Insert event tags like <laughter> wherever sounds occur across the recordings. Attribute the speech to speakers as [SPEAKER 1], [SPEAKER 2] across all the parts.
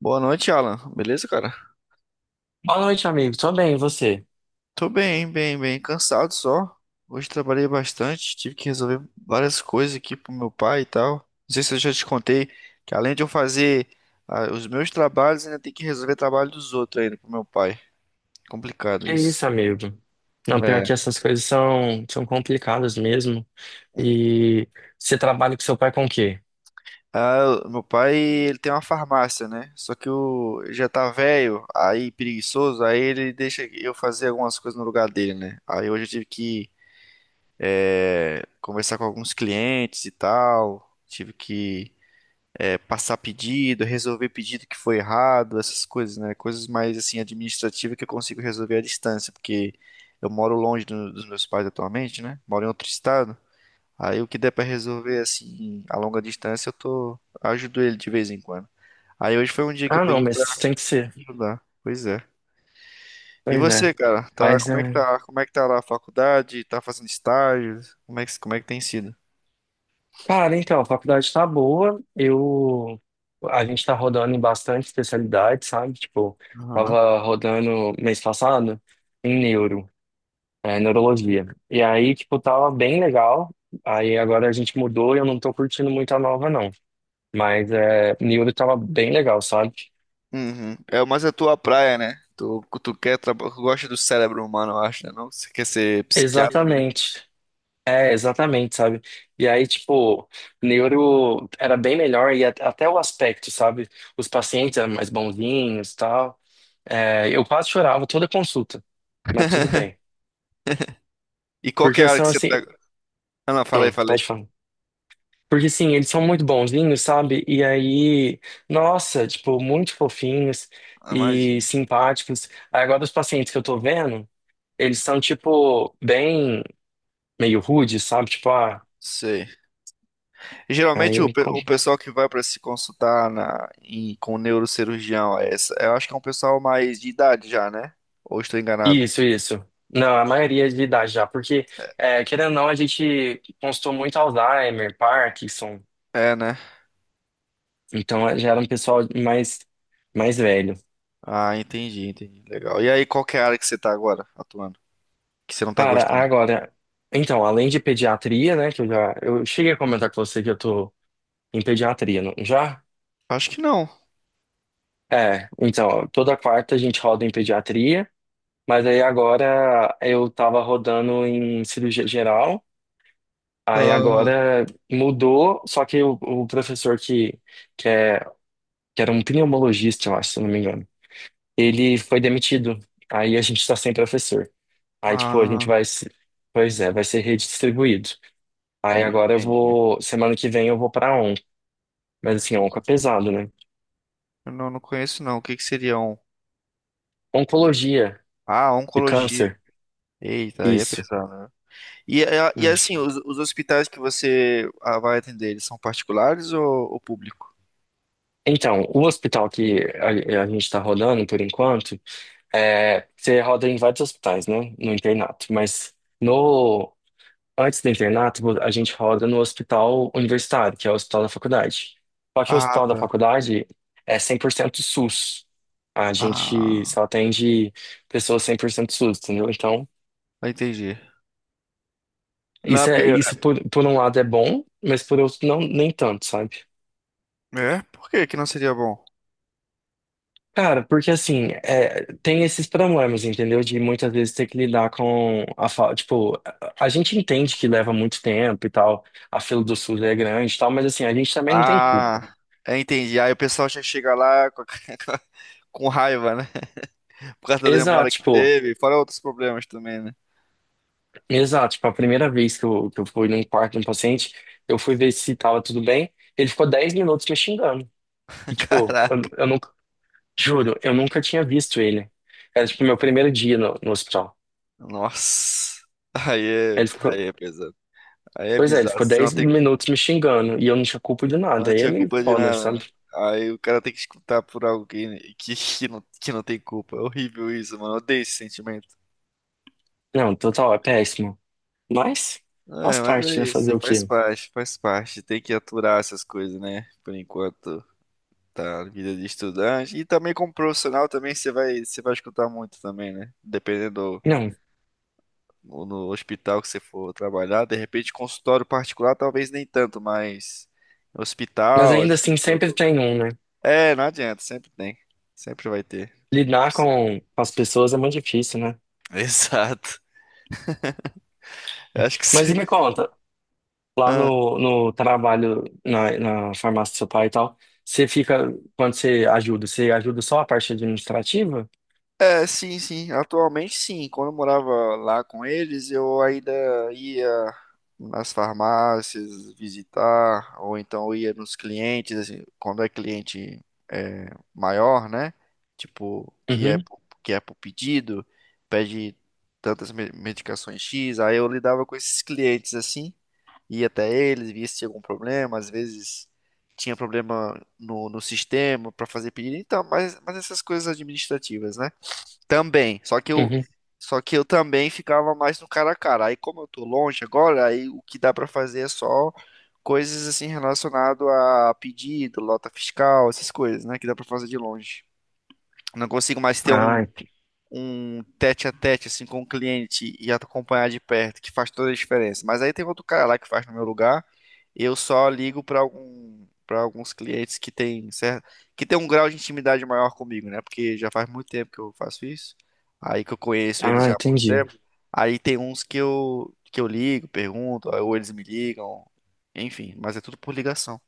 [SPEAKER 1] Boa noite, Alan. Beleza, cara?
[SPEAKER 2] Boa noite, amigo. Tô bem, e você?
[SPEAKER 1] Tô bem, bem, bem. Cansado só. Hoje trabalhei bastante, tive que resolver várias coisas aqui pro meu pai e tal. Não sei se eu já te contei que além de eu fazer os meus trabalhos, ainda tem que resolver trabalho dos outros ainda pro meu pai. Complicado
[SPEAKER 2] Que
[SPEAKER 1] isso.
[SPEAKER 2] isso, amigo? Não, pior que
[SPEAKER 1] É.
[SPEAKER 2] essas coisas são complicadas mesmo. E você trabalha com seu pai com o quê?
[SPEAKER 1] Ah, o meu pai, ele tem uma farmácia, né? Só que o ele já tá velho, aí preguiçoso, aí ele deixa eu fazer algumas coisas no lugar dele, né? Aí hoje eu tive que conversar com alguns clientes e tal. Tive que passar pedido, resolver pedido que foi errado, essas coisas, né? Coisas mais assim administrativas que eu consigo resolver à distância, porque eu moro longe dos meus pais atualmente, né? Moro em outro estado. Aí o que der pra resolver assim a longa distância, eu tô ajudo ele de vez em quando. Aí hoje foi um dia que eu
[SPEAKER 2] Ah, não,
[SPEAKER 1] peguei pra
[SPEAKER 2] mas tem que ser.
[SPEAKER 1] ajudar. Pois é. E
[SPEAKER 2] Pois é.
[SPEAKER 1] você, cara? Tá,
[SPEAKER 2] Mas,
[SPEAKER 1] como é que
[SPEAKER 2] é...
[SPEAKER 1] tá? Como é que tá lá a faculdade? Tá fazendo estágios? Como é que tem sido?
[SPEAKER 2] Cara, então, a faculdade tá boa. A gente tá rodando em bastante especialidade, sabe? Tipo,
[SPEAKER 1] Aham.
[SPEAKER 2] tava rodando mês passado em neuro, neurologia. E aí, tipo, tava bem legal. Aí agora a gente mudou e eu não tô curtindo muito a nova, não. Mas Niobe tava bem legal, sabe?
[SPEAKER 1] Uhum. É mais a tua praia, né? Tu gosta do cérebro humano, eu acho, né? Não? Você quer ser psiquiatra, né?
[SPEAKER 2] Exatamente. É, exatamente, sabe? E aí, tipo, neuro era bem melhor e até o aspecto, sabe? Os pacientes eram mais bonzinhos e tal. É, eu quase chorava toda consulta, mas tudo
[SPEAKER 1] <laughs>
[SPEAKER 2] bem.
[SPEAKER 1] E qual que é
[SPEAKER 2] Porque
[SPEAKER 1] a área
[SPEAKER 2] são
[SPEAKER 1] que você
[SPEAKER 2] assim.
[SPEAKER 1] tá... Ah, não, falei, falei.
[SPEAKER 2] Pode falar. Porque sim, eles são muito bonzinhos, sabe? E aí, nossa, tipo, muito fofinhos
[SPEAKER 1] Ah,
[SPEAKER 2] e
[SPEAKER 1] imagina.
[SPEAKER 2] simpáticos. Aí agora, os pacientes que eu tô vendo, eles são, tipo, bem. Meio rude, sabe?
[SPEAKER 1] Sei. Geralmente o,
[SPEAKER 2] Aí.
[SPEAKER 1] pe-
[SPEAKER 2] com-
[SPEAKER 1] o pessoal que vai para se consultar com o neurocirurgião, é essa, eu acho que é um pessoal mais de idade já, né? Ou estou enganado?
[SPEAKER 2] Isso, isso. Não, a maioria de idade já, porque, querendo ou não, a gente constou muito Alzheimer, Parkinson,
[SPEAKER 1] É, né?
[SPEAKER 2] então já era um pessoal mais velho.
[SPEAKER 1] Ah, entendi, entendi. Legal. E aí, qual que é a área que você tá agora atuando? Que você não tá
[SPEAKER 2] Cara,
[SPEAKER 1] gostando?
[SPEAKER 2] agora, então, além de pediatria, né, que eu cheguei a comentar com você que eu tô em pediatria, não, já?
[SPEAKER 1] Acho que não.
[SPEAKER 2] É, então, toda quarta a gente roda em pediatria, mas aí agora eu tava rodando em cirurgia geral. Aí
[SPEAKER 1] Ah.
[SPEAKER 2] agora mudou, só que o professor que, é, que era um pneumologista, eu acho, se eu não me engano, ele foi demitido. Aí a gente está sem professor. Aí, tipo, a gente
[SPEAKER 1] Ah,
[SPEAKER 2] vai se... Pois é, vai ser redistribuído. Aí agora eu
[SPEAKER 1] entendi.
[SPEAKER 2] vou... Semana que vem eu vou pra ON. Mas assim, onco é pesado, né?
[SPEAKER 1] Eu não, não conheço, não. O que que seria um?
[SPEAKER 2] Oncologia
[SPEAKER 1] Ah,
[SPEAKER 2] e
[SPEAKER 1] oncologia.
[SPEAKER 2] câncer,
[SPEAKER 1] Eita, aí é
[SPEAKER 2] isso.
[SPEAKER 1] pesado, né? E é
[SPEAKER 2] Hum.
[SPEAKER 1] assim, os hospitais que você vai atender, eles são particulares ou público?
[SPEAKER 2] Então, o hospital que a gente está rodando por enquanto, você roda em vários hospitais, né? No internato, mas... No Antes do internato, a gente roda no hospital universitário, que é o hospital da faculdade. Só que o
[SPEAKER 1] Ah,
[SPEAKER 2] hospital da
[SPEAKER 1] tá.
[SPEAKER 2] faculdade é 100% SUS. A gente
[SPEAKER 1] Ah,
[SPEAKER 2] só atende pessoas 100% SUS, entendeu? Então,
[SPEAKER 1] entendi. Não,
[SPEAKER 2] isso é
[SPEAKER 1] porque...
[SPEAKER 2] isso por um lado é bom, mas por outro não nem tanto, sabe?
[SPEAKER 1] É? Por que que não seria bom?
[SPEAKER 2] Cara, porque assim, tem esses problemas, entendeu? De muitas vezes ter que lidar com a falta. Tipo, a gente entende que leva muito tempo e tal, a fila do SUS é grande e tal, mas assim, a gente também não tem culpa.
[SPEAKER 1] Ah, é, entendi. Aí o pessoal já chega lá com, <laughs> com raiva, né? Por causa da
[SPEAKER 2] Exato,
[SPEAKER 1] demora que
[SPEAKER 2] tipo.
[SPEAKER 1] teve, fora outros problemas também, né?
[SPEAKER 2] Exato, tipo, a primeira vez que eu fui num quarto de um paciente, eu fui ver se tava tudo bem, ele ficou 10 minutos me xingando.
[SPEAKER 1] <laughs>
[SPEAKER 2] E, tipo, eu,
[SPEAKER 1] Caraca.
[SPEAKER 2] eu nunca, juro, eu nunca tinha visto ele. Era, tipo, meu primeiro dia no hospital.
[SPEAKER 1] Nossa. Aí é,
[SPEAKER 2] Ele
[SPEAKER 1] aí
[SPEAKER 2] ficou,
[SPEAKER 1] é pesado. Aí é
[SPEAKER 2] pois é, ele
[SPEAKER 1] bizarro.
[SPEAKER 2] ficou
[SPEAKER 1] Você não
[SPEAKER 2] 10
[SPEAKER 1] tem...
[SPEAKER 2] minutos me xingando, e eu não tinha culpa de
[SPEAKER 1] Não
[SPEAKER 2] nada, aí é
[SPEAKER 1] tinha
[SPEAKER 2] meio
[SPEAKER 1] culpa de
[SPEAKER 2] foda,
[SPEAKER 1] nada, né?
[SPEAKER 2] sabe?
[SPEAKER 1] Aí o cara tem que escutar por alguém que não tem culpa. É horrível isso, mano. Eu odeio esse sentimento.
[SPEAKER 2] Não, total, é péssimo. Mas faz
[SPEAKER 1] É, mas é
[SPEAKER 2] parte, né,
[SPEAKER 1] isso.
[SPEAKER 2] fazer o
[SPEAKER 1] Faz
[SPEAKER 2] quê?
[SPEAKER 1] parte, faz parte. Tem que aturar essas coisas, né? Por enquanto tá na vida de estudante. E também como profissional também você vai escutar muito também, né? Dependendo
[SPEAKER 2] Não,
[SPEAKER 1] no hospital que você for trabalhar. De repente, consultório particular, talvez nem tanto, mas
[SPEAKER 2] mas
[SPEAKER 1] hospital,
[SPEAKER 2] ainda
[SPEAKER 1] assim.
[SPEAKER 2] assim sempre tem um, né?
[SPEAKER 1] É, não adianta. Sempre tem. Sempre vai ter.
[SPEAKER 2] Lidar com as pessoas é muito difícil, né?
[SPEAKER 1] <laughs> Exato. Eu acho que
[SPEAKER 2] Mas e
[SPEAKER 1] você.
[SPEAKER 2] me
[SPEAKER 1] <laughs>
[SPEAKER 2] conta, lá
[SPEAKER 1] Ah.
[SPEAKER 2] no trabalho, na farmácia do seu pai e tal, você fica, quando você ajuda só a parte administrativa?
[SPEAKER 1] É, sim, sim. Atualmente, sim. Quando eu morava lá com eles, eu ainda ia nas farmácias visitar, ou então eu ia nos clientes, assim, quando é cliente é, maior, né? Tipo,
[SPEAKER 2] Uhum,
[SPEAKER 1] que é por pedido, pede tantas medicações X. Aí eu lidava com esses clientes assim. Ia até eles, via se tinha algum problema, às vezes tinha problema no sistema para fazer pedido, então, mas essas coisas administrativas, né? Também, só que eu
[SPEAKER 2] uhum.
[SPEAKER 1] só que eu também ficava mais no cara a cara. Aí como eu tô longe agora, aí o que dá para fazer é só coisas assim relacionado a pedido, lota fiscal, essas coisas, né, que dá para fazer de longe. Não consigo mais ter
[SPEAKER 2] Ah,
[SPEAKER 1] um,
[SPEAKER 2] ent-
[SPEAKER 1] um tete a tete assim com o cliente e acompanhar de perto, que faz toda a diferença. Mas aí tem outro cara lá que faz no meu lugar. Eu só ligo para algum, para alguns clientes que tem certo que tem um grau de intimidade maior comigo, né? Porque já faz muito tempo que eu faço isso. Aí que eu conheço eles
[SPEAKER 2] ah,
[SPEAKER 1] já há muito
[SPEAKER 2] entendi.
[SPEAKER 1] tempo. Aí tem uns que eu ligo, pergunto, ou eles me ligam, enfim, mas é tudo por ligação.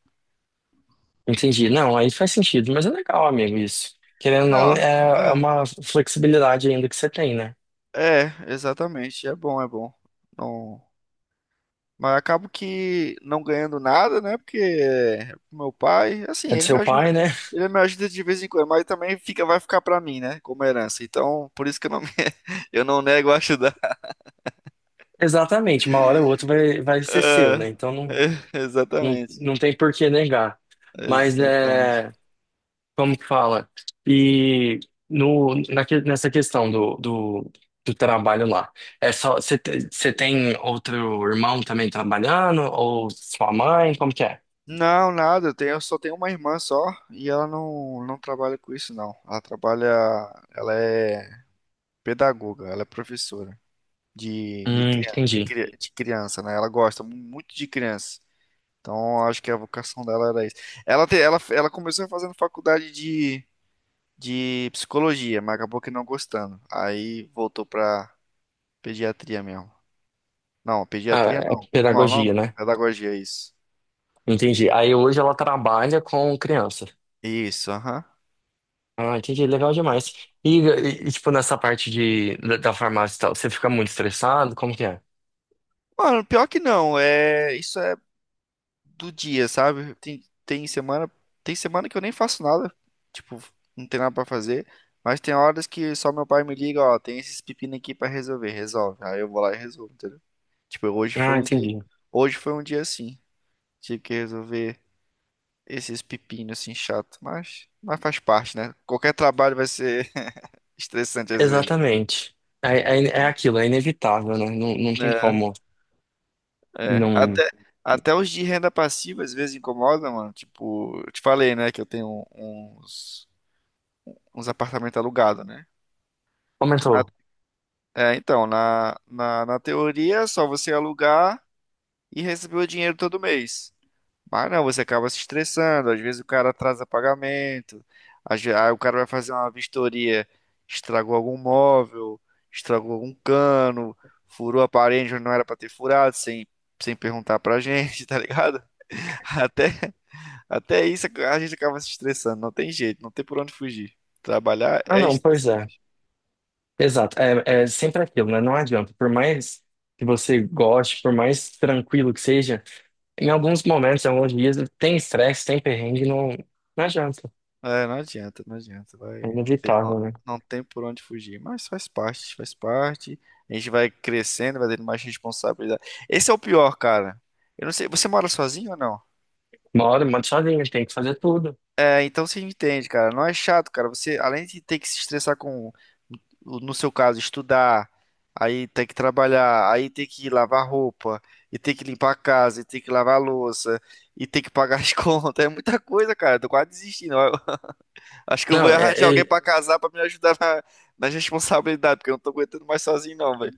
[SPEAKER 2] Entendi. Não, aí faz sentido, mas é legal, amigo, isso. Querendo ou não,
[SPEAKER 1] Não,
[SPEAKER 2] é uma flexibilidade ainda que você tem, né?
[SPEAKER 1] é, é, exatamente, é bom, é bom. Não. Mas acabo que não ganhando nada, né? Porque é pro meu pai, assim,
[SPEAKER 2] É do
[SPEAKER 1] ele me
[SPEAKER 2] seu
[SPEAKER 1] ajuda,
[SPEAKER 2] pai, né? <laughs>
[SPEAKER 1] ele me ajuda de vez em quando, mas também fica, vai ficar pra mim, né? Como herança. Então, por isso que eu não, <laughs> eu não nego a ajudar.
[SPEAKER 2] Exatamente, uma hora ou outra vai ser seu,
[SPEAKER 1] Ah,
[SPEAKER 2] né? Então não,
[SPEAKER 1] <laughs>
[SPEAKER 2] não,
[SPEAKER 1] exatamente.
[SPEAKER 2] não tem por que negar. Mas,
[SPEAKER 1] Exatamente.
[SPEAKER 2] né? Como que fala? E no, naque- nessa questão do trabalho lá, é só você tem outro irmão também trabalhando ou sua mãe? Como que é?
[SPEAKER 1] Não, nada, eu só tenho uma irmã só e ela não, não trabalha com isso, não. Ela trabalha, ela é pedagoga, ela é professora
[SPEAKER 2] Entendi.
[SPEAKER 1] de criança, né? Ela gosta muito de criança. Então, acho que a vocação dela era isso. Ela começou fazendo faculdade de psicologia, mas acabou que não gostando. Aí voltou pra pediatria mesmo. Não,
[SPEAKER 2] Ah,
[SPEAKER 1] pediatria
[SPEAKER 2] é
[SPEAKER 1] não. Como é o
[SPEAKER 2] pedagogia,
[SPEAKER 1] nome?
[SPEAKER 2] né?
[SPEAKER 1] Pedagogia, isso.
[SPEAKER 2] Entendi. Aí hoje ela trabalha com criança.
[SPEAKER 1] Isso, aham.
[SPEAKER 2] Ah, entendi. Legal
[SPEAKER 1] É.
[SPEAKER 2] demais. E, tipo, nessa parte da farmácia e tal, você fica muito estressado? Como que é?
[SPEAKER 1] Mano, pior que não. É, isso é do dia, sabe? Tem semana que eu nem faço nada. Tipo, não tem nada pra fazer. Mas tem horas que só meu pai me liga, ó, tem esses pepino aqui pra resolver, resolve. Aí eu vou lá e resolvo, entendeu? Tipo,
[SPEAKER 2] Ah, entendi.
[SPEAKER 1] hoje foi um dia assim. Tive que resolver esses pepinos assim chato, mas faz parte, né? Qualquer trabalho vai ser <laughs> estressante às vezes.
[SPEAKER 2] Exatamente. É aquilo, é inevitável, né? Não, não tem
[SPEAKER 1] É,
[SPEAKER 2] como
[SPEAKER 1] é.
[SPEAKER 2] não.
[SPEAKER 1] Até, até os de renda passiva às vezes incomodam, mano. Tipo, eu te falei, né, que eu tenho uns, uns apartamentos alugados, né?
[SPEAKER 2] Aumentou.
[SPEAKER 1] Na- na teoria é só você alugar e receber o dinheiro todo mês. Mas não, você acaba se estressando, às vezes o cara atrasa pagamento, aí o cara vai fazer uma vistoria, estragou algum móvel, estragou algum cano, furou a parede onde não era pra ter furado, sem perguntar pra gente, <laughs> tá ligado? Até, até isso a gente acaba se estressando, não tem jeito, não tem por onde fugir. Trabalhar
[SPEAKER 2] Ah,
[SPEAKER 1] é
[SPEAKER 2] não, pois
[SPEAKER 1] estressante.
[SPEAKER 2] é. Exato. É sempre aquilo, né? Não adianta. Por mais que você goste, por mais tranquilo que seja, em alguns momentos, em alguns dias, tem estresse, tem perrengue, não, não adianta.
[SPEAKER 1] É, não adianta, não adianta,
[SPEAKER 2] É
[SPEAKER 1] vai, não tem,
[SPEAKER 2] inevitável, né?
[SPEAKER 1] não tem por onde fugir, mas faz parte, faz parte. A gente vai crescendo, vai tendo mais responsabilidade. Esse é o pior, cara. Eu não sei, você mora sozinho ou não?
[SPEAKER 2] Uma hora, manda sozinho, tem que fazer tudo.
[SPEAKER 1] É, então você entende, cara. Não é chato, cara. Você, além de ter que se estressar com, no seu caso, estudar, aí ter que trabalhar, aí ter que lavar roupa, e ter que limpar a casa, e ter que lavar a louça, e ter que pagar as <laughs> contas, é muita coisa, cara. Tô quase desistindo. Acho que eu vou
[SPEAKER 2] Não, é,
[SPEAKER 1] arranjar alguém
[SPEAKER 2] é-
[SPEAKER 1] pra casar pra me ajudar na, nas responsabilidades, porque eu não tô aguentando mais sozinho, não, velho.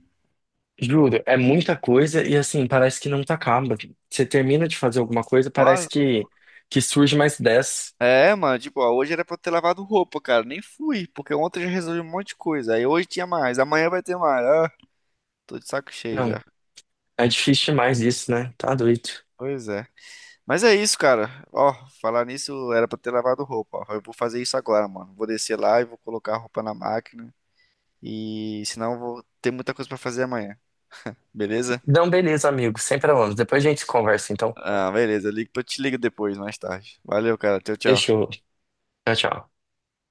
[SPEAKER 2] Juro, é muita coisa e assim, parece que não tá acaba. Você termina de fazer alguma coisa, parece
[SPEAKER 1] Nossa.
[SPEAKER 2] que surge mais 10.
[SPEAKER 1] É, mano, tipo, ó, hoje era pra eu ter lavado roupa, cara. Nem fui, porque ontem eu já resolvi um monte de coisa. Aí hoje tinha mais, amanhã vai ter mais. Ah, tô de saco cheio
[SPEAKER 2] Não,
[SPEAKER 1] já.
[SPEAKER 2] é difícil demais isso, né? Tá doido.
[SPEAKER 1] Pois é. Mas é isso, cara. Ó, falar nisso era pra ter lavado roupa. Ó. Eu vou fazer isso agora, mano. Vou descer lá e vou colocar a roupa na máquina. E senão eu vou ter muita coisa pra fazer amanhã. Beleza?
[SPEAKER 2] Então beleza, amigo. Sem problemas. Depois a gente conversa, então.
[SPEAKER 1] Ah, beleza. Eu te ligo depois, mais tarde. Valeu, cara. Tchau, tchau.
[SPEAKER 2] Fechou. Tchau, tchau.